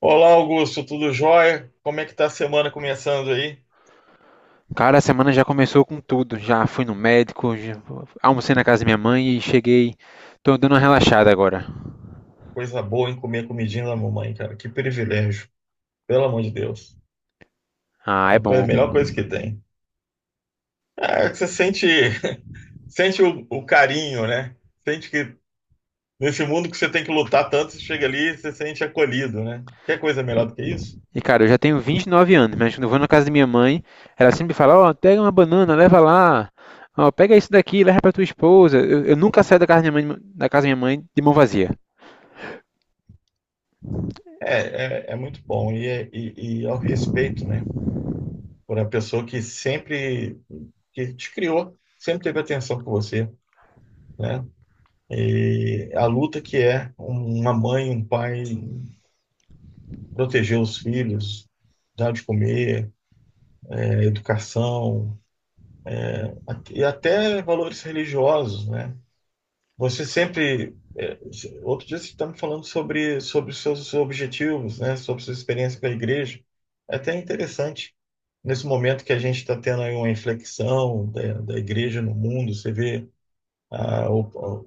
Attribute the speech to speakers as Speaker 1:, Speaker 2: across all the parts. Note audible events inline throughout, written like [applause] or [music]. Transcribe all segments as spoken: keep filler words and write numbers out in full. Speaker 1: Olá, Augusto, tudo jóia? Como é que tá a semana começando aí?
Speaker 2: Cara, a semana já começou com tudo. Já fui no médico, já almocei na casa da minha mãe e cheguei. Tô dando uma relaxada agora.
Speaker 1: Coisa boa em comer a comidinha da mamãe, cara. Que privilégio, pelo amor de Deus.
Speaker 2: Ah,
Speaker 1: É
Speaker 2: é
Speaker 1: a coisa-
Speaker 2: bom.
Speaker 1: a melhor coisa que tem. É, você sente, sente o, o carinho, né? Sente que nesse mundo que você tem que lutar tanto, você chega ali e você sente acolhido, né? Quer coisa melhor do que isso?
Speaker 2: E cara, eu já tenho vinte e nove anos, mas quando eu vou na casa da minha mãe, ela sempre fala: Ó, pega uma banana, leva lá. Ó, pega isso daqui, leva pra tua esposa. Eu, eu nunca saio da casa da minha mãe, da casa da minha mãe de mão vazia.
Speaker 1: É, é, é muito bom. E, é, e, e é o respeito, né? Por a pessoa que sempre que te criou, sempre teve atenção por você, né? E a luta que é uma mãe, um pai proteger os filhos, dar de comer, é, educação at- e até valores religiosos, né? Você sempre é, outro dia você estava me falando sobre sobre os seus objetivos, né? Sobre sua experiência com a igreja. É até interessante nesse momento que a gente está tendo aí uma inflexão da, da igreja no mundo. Você vê a, o-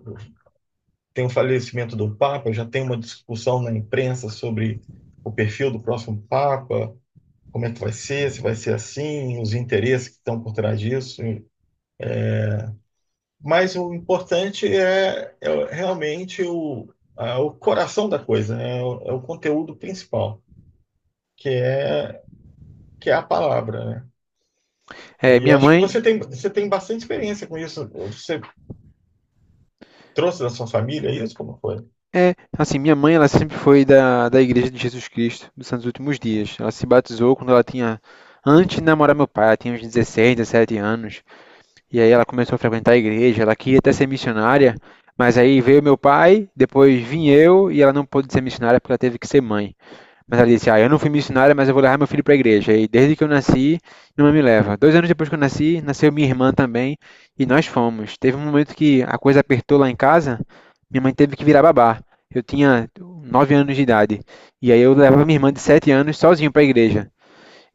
Speaker 1: tem o falecimento do Papa, já tem uma discussão na imprensa sobre o perfil do próximo Papa, como é que vai ser, se vai ser assim, os interesses que estão por trás disso. Mas o importante é, é realmente o, a- o coração da coisa, né? É o, é o conteúdo principal, que é, que é a palavra, né?
Speaker 2: É,
Speaker 1: E eu
Speaker 2: minha
Speaker 1: acho que
Speaker 2: mãe.
Speaker 1: você tem, você tem bastante experiência com isso. Você trouxe da sua família isso? Como foi?
Speaker 2: É, assim, minha mãe, ela sempre foi da, da Igreja de Jesus Cristo dos Santos Últimos Dias. Ela se batizou quando ela tinha. Antes de namorar meu pai, ela tinha uns dezesseis, dezessete anos. E aí ela começou a frequentar a igreja, ela queria até ser missionária, mas aí veio meu pai, depois vim eu e ela não pôde ser missionária porque ela teve que ser mãe. Mas ela disse: "Ah, eu não fui missionária, mas eu vou levar meu filho para a igreja". E desde que eu nasci, minha mãe me leva. Dois anos depois que eu nasci, nasceu minha irmã também e nós fomos. Teve um momento que a coisa apertou lá em casa, minha mãe teve que virar babá. Eu tinha nove anos de idade. E aí eu levava minha irmã de sete anos sozinho para a igreja.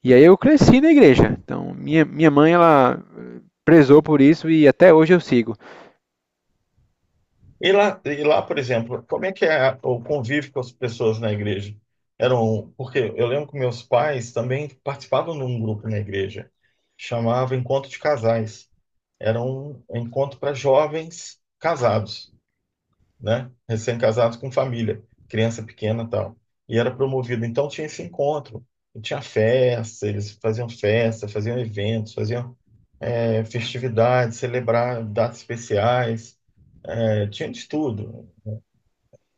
Speaker 2: E aí eu cresci na igreja. Então, minha, minha mãe, ela prezou por isso e até hoje eu sigo.
Speaker 1: E lá, e lá, por exemplo, como é que é a- o convívio com as pessoas na igreja? Eram, porque eu lembro que meus pais também participavam de um grupo na igreja, chamava Encontro de Casais. Era um encontro para jovens casados, né? Recém-casados com família, criança pequena e tal. E era promovido, então tinha esse encontro. E tinha festa, eles faziam festa, faziam eventos, faziam eh, festividades, celebrar datas especiais. É, tinha de tudo.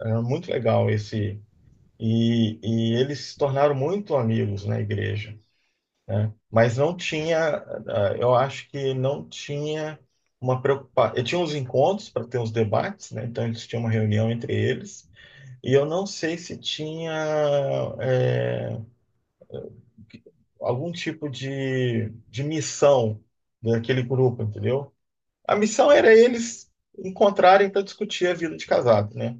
Speaker 1: É muito legal esse. E, e eles se tornaram muito amigos na igreja, né? Mas não tinha, ah, eu acho que não tinha uma preocupação. Eu tinha uns encontros para ter uns debates, né? Então eles tinham uma reunião entre eles. E eu não sei se tinha é, algum tipo de, de missão daquele grupo, entendeu? A missão era eles encontrarem para discutir a vida de casado, né?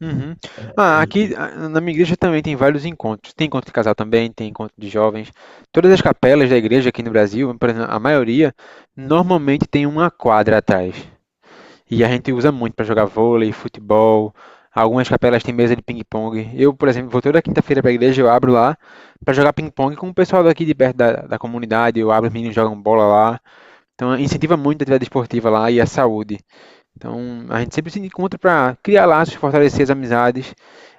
Speaker 2: Uhum. Ah, aqui
Speaker 1: E,
Speaker 2: ah, na minha igreja também tem vários encontros. Tem encontro de casal também, tem encontro de jovens. Todas as capelas da igreja aqui no Brasil, por exemplo, a maioria, normalmente tem uma quadra atrás. E a gente usa muito para jogar vôlei, futebol. Algumas capelas têm mesa de ping-pong. Eu, por exemplo, vou toda quinta-feira para a igreja, eu abro lá para jogar ping-pong com o pessoal daqui de perto da, da comunidade. Eu abro, os meninos jogam bola lá. Então incentiva muito a atividade esportiva lá e a saúde. Então, a gente sempre se encontra para criar laços, fortalecer as amizades.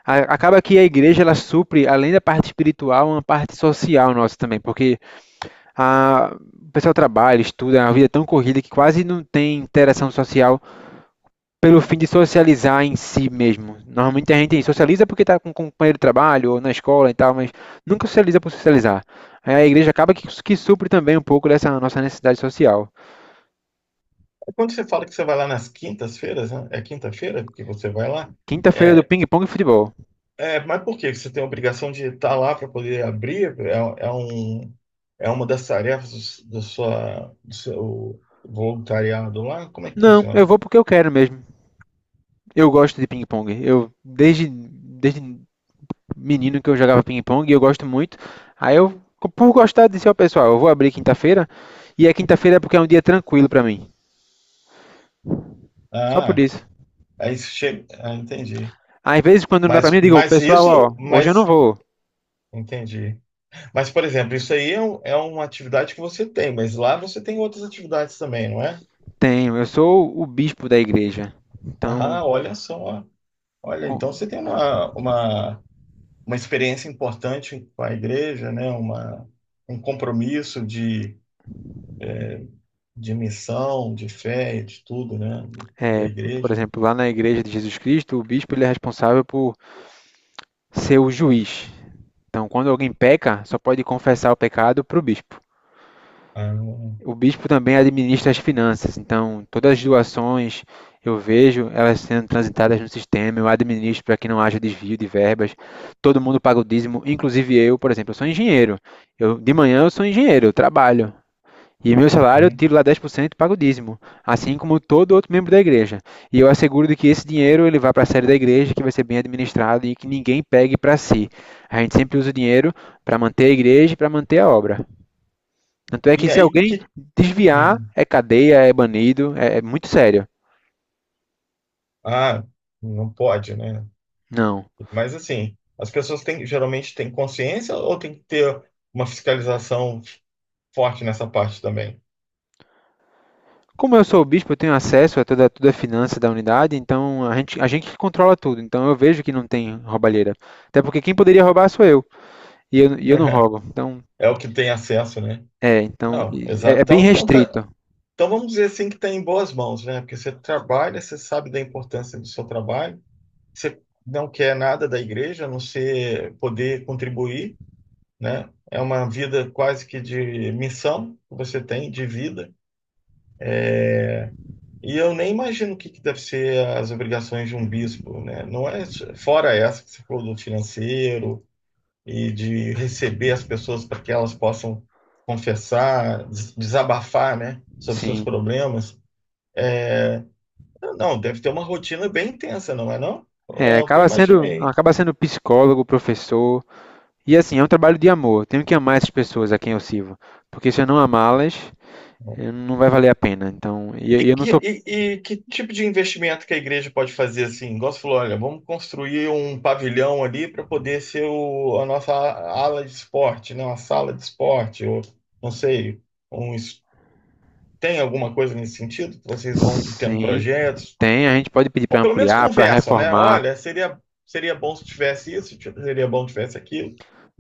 Speaker 2: A- Acaba que a igreja ela supre, além da parte espiritual, uma parte social nossa também, porque a... o pessoal trabalha, estuda, a vida é tão corrida que quase não tem interação social pelo fim de socializar em si mesmo. Normalmente a gente socializa porque está com um companheiro de trabalho ou na escola e tal, mas nunca socializa por socializar. Aí a igreja acaba que, que supre também um pouco dessa nossa necessidade social.
Speaker 1: É quando você fala que você vai lá nas quintas-feiras, né? É quinta-feira que você vai lá?
Speaker 2: Quinta-feira do
Speaker 1: É,
Speaker 2: ping-pong e futebol.
Speaker 1: é, mas por quê? Você tem a obrigação de estar lá para poder abrir? É, é um, é uma das tarefas do, do sua, do seu voluntariado lá? Como é que
Speaker 2: Não, eu
Speaker 1: funciona?
Speaker 2: vou porque eu quero mesmo. Eu gosto de ping-pong. Eu desde, desde menino que eu jogava ping-pong e eu gosto muito. Aí eu, por gostar disse ao pessoal, eu vou abrir quinta-feira e a quinta-feira é porque é um dia tranquilo pra mim. Só por
Speaker 1: Ah,
Speaker 2: isso.
Speaker 1: aí você chega. Ah, entendi.
Speaker 2: Às vezes quando não dá pra mim,
Speaker 1: Mas,
Speaker 2: eu digo,
Speaker 1: mas
Speaker 2: pessoal, ó,
Speaker 1: isso,
Speaker 2: hoje eu não
Speaker 1: mas.
Speaker 2: vou.
Speaker 1: Entendi. Mas, por exemplo, isso aí é, um- é uma atividade que você tem, mas lá você tem outras atividades também, não é?
Speaker 2: Tenho, eu sou o bispo da igreja. Então,
Speaker 1: Ah, olha só. Olha, então você
Speaker 2: com-
Speaker 1: tem uma, uma uma experiência importante com a igreja, né? Uma, um compromisso de, de missão, de fé, e de tudo, né? Da
Speaker 2: é, por
Speaker 1: igreja.
Speaker 2: exemplo, lá na igreja de Jesus Cristo, o bispo ele é responsável por ser o juiz. Então, quando alguém peca, só pode confessar o pecado pro bispo.
Speaker 1: Ah, hum.
Speaker 2: O bispo também administra as finanças, então todas as doações eu vejo elas sendo transitadas no sistema, eu administro para que não haja desvio de verbas. Todo mundo paga o dízimo, inclusive eu, por exemplo, eu sou engenheiro. Eu de manhã eu sou engenheiro, eu trabalho. E meu salário eu tiro lá dez por cento e pago o dízimo, assim como todo outro membro da igreja. E eu asseguro de que esse dinheiro ele vai para a sede da igreja, que vai ser bem administrado e que ninguém pegue para si. A gente sempre usa o dinheiro para manter a igreja e para manter a obra. Tanto é que
Speaker 1: E
Speaker 2: se
Speaker 1: aí
Speaker 2: alguém
Speaker 1: que.
Speaker 2: desviar,
Speaker 1: Hum,
Speaker 2: é cadeia, é banido, é, é muito sério.
Speaker 1: Ah, não pode, né?
Speaker 2: Não.
Speaker 1: Mas assim, as pessoas têm, geralmente têm consciência ou tem que ter uma fiscalização forte nessa parte também?
Speaker 2: Como eu sou o bispo, eu tenho acesso a toda, toda a finança da unidade, então a gente, a gente controla tudo. Então eu vejo que não tem roubalheira. Até porque quem poderia roubar sou eu. E eu, e eu não
Speaker 1: [laughs]
Speaker 2: roubo. Então,
Speaker 1: É o que tem acesso, né?
Speaker 2: é, então
Speaker 1: Não,
Speaker 2: é,
Speaker 1: exato.
Speaker 2: é bem
Speaker 1: Então, então, tá-
Speaker 2: restrito,
Speaker 1: então vamos dizer assim que está em boas mãos, né? Porque você trabalha, você sabe da importância do seu trabalho, você não quer nada da igreja, a não ser poder contribuir, né? É uma vida quase que de missão que você tem, de vida. E eu nem imagino o que, que deve ser as obrigações de um bispo, né? Não é fora essa que você falou do financeiro e de receber as pessoas para que elas possam confessar, des- desabafar, né, sobre seus
Speaker 2: sim.
Speaker 1: problemas. É, Não, deve ter uma rotina bem intensa, não é não?
Speaker 2: É,
Speaker 1: É o que eu
Speaker 2: acaba sendo,
Speaker 1: imaginei.
Speaker 2: acaba sendo psicólogo, professor. E assim, é um trabalho de amor. Eu Tenho que amar essas pessoas a quem eu sirvo. Porque se eu não amá-las, eh, não vai valer a pena. Então, e,
Speaker 1: E,
Speaker 2: e eu não sou.
Speaker 1: e- e que tipo de investimento que a igreja pode fazer assim? Igual você falou, olha, vamos construir um pavilhão ali para poder ser o- a nossa ala de esporte, né? Uma sala de esporte, ou não sei, um es- tem alguma coisa nesse sentido? Que Vocês vão tendo
Speaker 2: Sim,
Speaker 1: projetos?
Speaker 2: Tem, a gente pode pedir
Speaker 1: Ou
Speaker 2: para
Speaker 1: pelo menos
Speaker 2: ampliar, para
Speaker 1: conversam, né?
Speaker 2: reformar.
Speaker 1: Olha, seria, seria bom se tivesse isso, tipo, seria bom se tivesse aquilo.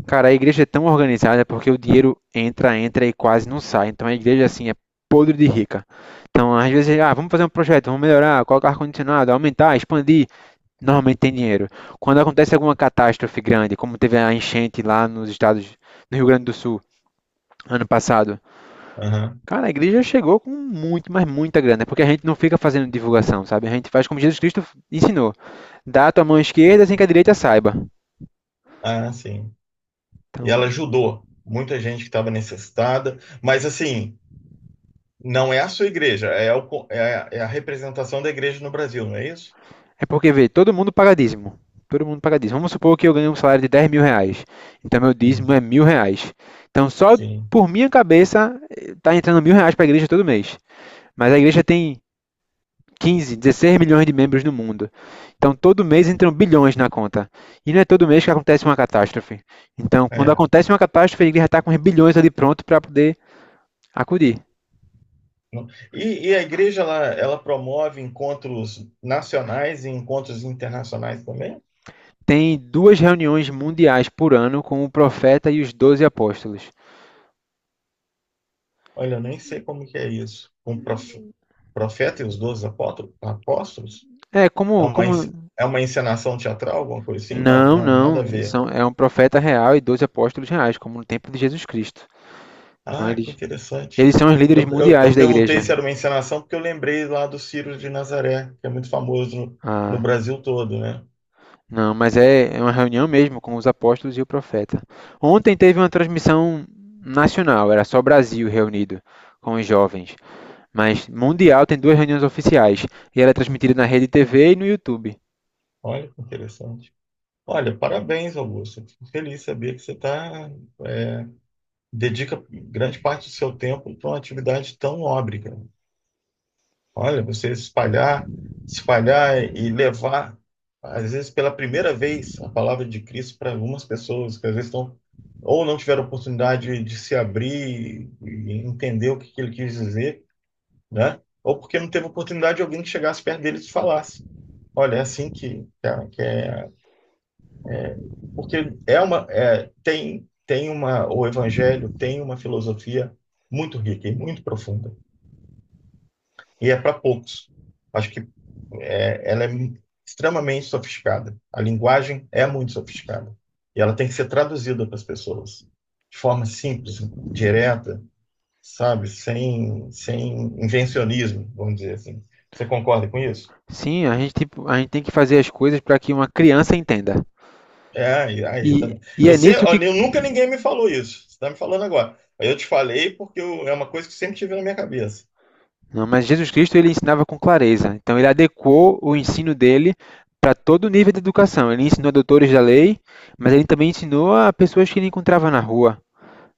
Speaker 2: Cara, a igreja é tão organizada porque o dinheiro entra, entra e quase não sai. Então a igreja, assim, é podre de rica. Então, às vezes, ah, vamos fazer um projeto, vamos melhorar, colocar ar-condicionado, aumentar, expandir. Normalmente tem dinheiro. Quando acontece alguma catástrofe grande, como teve a enchente lá nos estados, no Rio Grande do Sul, ano passado,
Speaker 1: Aham.
Speaker 2: Cara, a igreja chegou com muito, mas muita grana, porque a gente não fica fazendo divulgação, sabe? A gente faz como Jesus Cristo ensinou: dá a tua mão esquerda sem que a direita saiba.
Speaker 1: Ah, sim. E
Speaker 2: Então,
Speaker 1: ela ajudou muita gente que estava necessitada, mas assim. Não é a sua igreja, é, o co- é a é a representação da igreja no Brasil, não é isso?
Speaker 2: é porque, vê, todo mundo paga dízimo. Todo mundo paga dízimo. Vamos supor que eu ganho um salário de dez mil reais. Então, meu dízimo é
Speaker 1: Uhum.
Speaker 2: mil reais. Então, só
Speaker 1: Sim.
Speaker 2: por minha cabeça, está entrando mil reais para a igreja todo mês. Mas a igreja tem quinze, dezesseis milhões de membros no mundo. Então, todo mês entram bilhões na conta. E não é todo mês que acontece uma catástrofe. Então, quando
Speaker 1: É.
Speaker 2: acontece uma catástrofe, a igreja está com os bilhões ali pronto para poder acudir.
Speaker 1: Não. E, e a igreja ela, ela promove encontros nacionais e encontros internacionais também?
Speaker 2: Tem duas reuniões mundiais por ano com o profeta e os doze apóstolos.
Speaker 1: Olha, eu nem sei como que é isso. Com prof, profeta e os doze apótro- apóstolos?
Speaker 2: É,
Speaker 1: É
Speaker 2: como,
Speaker 1: uma,
Speaker 2: como
Speaker 1: ens- é uma encenação teatral, alguma coisa assim? Não,
Speaker 2: Não,
Speaker 1: não, nada a
Speaker 2: não. Eles
Speaker 1: ver.
Speaker 2: são, é um profeta real e doze apóstolos reais, como no tempo de Jesus Cristo. Então
Speaker 1: Ah, que
Speaker 2: eles,
Speaker 1: interessante.
Speaker 2: eles são os líderes
Speaker 1: Eu, eu,
Speaker 2: mundiais
Speaker 1: eu
Speaker 2: da
Speaker 1: perguntei
Speaker 2: igreja.
Speaker 1: se era uma encenação porque eu lembrei lá do Ciro de Nazaré, que é muito famoso no, no
Speaker 2: Ah,
Speaker 1: Brasil todo, né?
Speaker 2: não, mas é, é uma reunião mesmo com os apóstolos e o profeta. Ontem teve uma transmissão nacional, era só Brasil reunido com os jovens. Mas mundial tem duas reuniões oficiais e ela é transmitida na rede T V e no YouTube.
Speaker 1: Olha que interessante. Olha, parabéns, Augusto. Fico feliz de saber que você tá, é, dedica grande parte do seu tempo para uma atividade tão nobre, cara. Olha, você espalhar, espalhar e levar, às vezes pela primeira vez, a palavra de Cristo para algumas pessoas que às vezes estão ou não tiveram oportunidade de se abrir e entender o que que ele quis dizer, né? Ou porque não teve oportunidade de alguém que chegasse perto deles e falasse. Olha, é assim que, que é que é porque é uma, é, tem, tem uma, o Evangelho tem uma filosofia muito rica e muito profunda, e é para poucos. Acho que é, ela é extremamente sofisticada. A linguagem é muito sofisticada, e ela tem que ser traduzida para as pessoas de forma simples, direta, sabe, sem, sem invencionismo, vamos dizer assim. Você concorda com isso?
Speaker 2: Sim, a gente, tipo, a gente tem que fazer as coisas para que uma criança entenda.
Speaker 1: É, aí, aí
Speaker 2: E,
Speaker 1: também.
Speaker 2: e
Speaker 1: Eu,
Speaker 2: é
Speaker 1: sei,
Speaker 2: nisso
Speaker 1: ó,
Speaker 2: que
Speaker 1: eu nunca ninguém me falou isso. Você está me falando agora. Aí eu te falei porque eu- é uma coisa que sempre tive na minha cabeça.
Speaker 2: Não, mas Jesus Cristo ele ensinava com clareza. Então ele adequou o ensino dele para todo o nível de educação. Ele ensinou a doutores da lei, mas ele também ensinou a pessoas que ele encontrava na rua,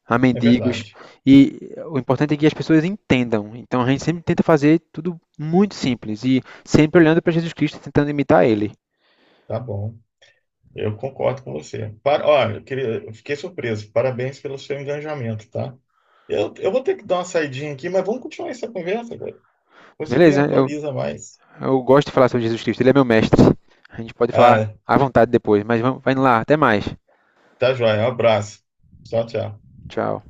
Speaker 2: a
Speaker 1: É
Speaker 2: mendigos.
Speaker 1: verdade.
Speaker 2: E o importante é que as pessoas entendam. Então a gente sempre tenta fazer tudo muito simples e sempre olhando para Jesus Cristo, tentando imitar ele.
Speaker 1: Tá bom. Eu concordo com você. Para, ó, eu queria, eu fiquei surpreso. Parabéns pelo seu engajamento, tá? Eu, eu vou ter que dar uma saidinha aqui, mas vamos continuar essa conversa, velho. Você me
Speaker 2: Beleza? Eu,
Speaker 1: atualiza mais.
Speaker 2: eu gosto de falar sobre Jesus Cristo. Ele é meu mestre. A gente pode falar
Speaker 1: Ah,
Speaker 2: à vontade depois, mas vamos, vai indo lá. Até mais.
Speaker 1: tá joia. Um abraço. Tchau, tchau.
Speaker 2: Tchau.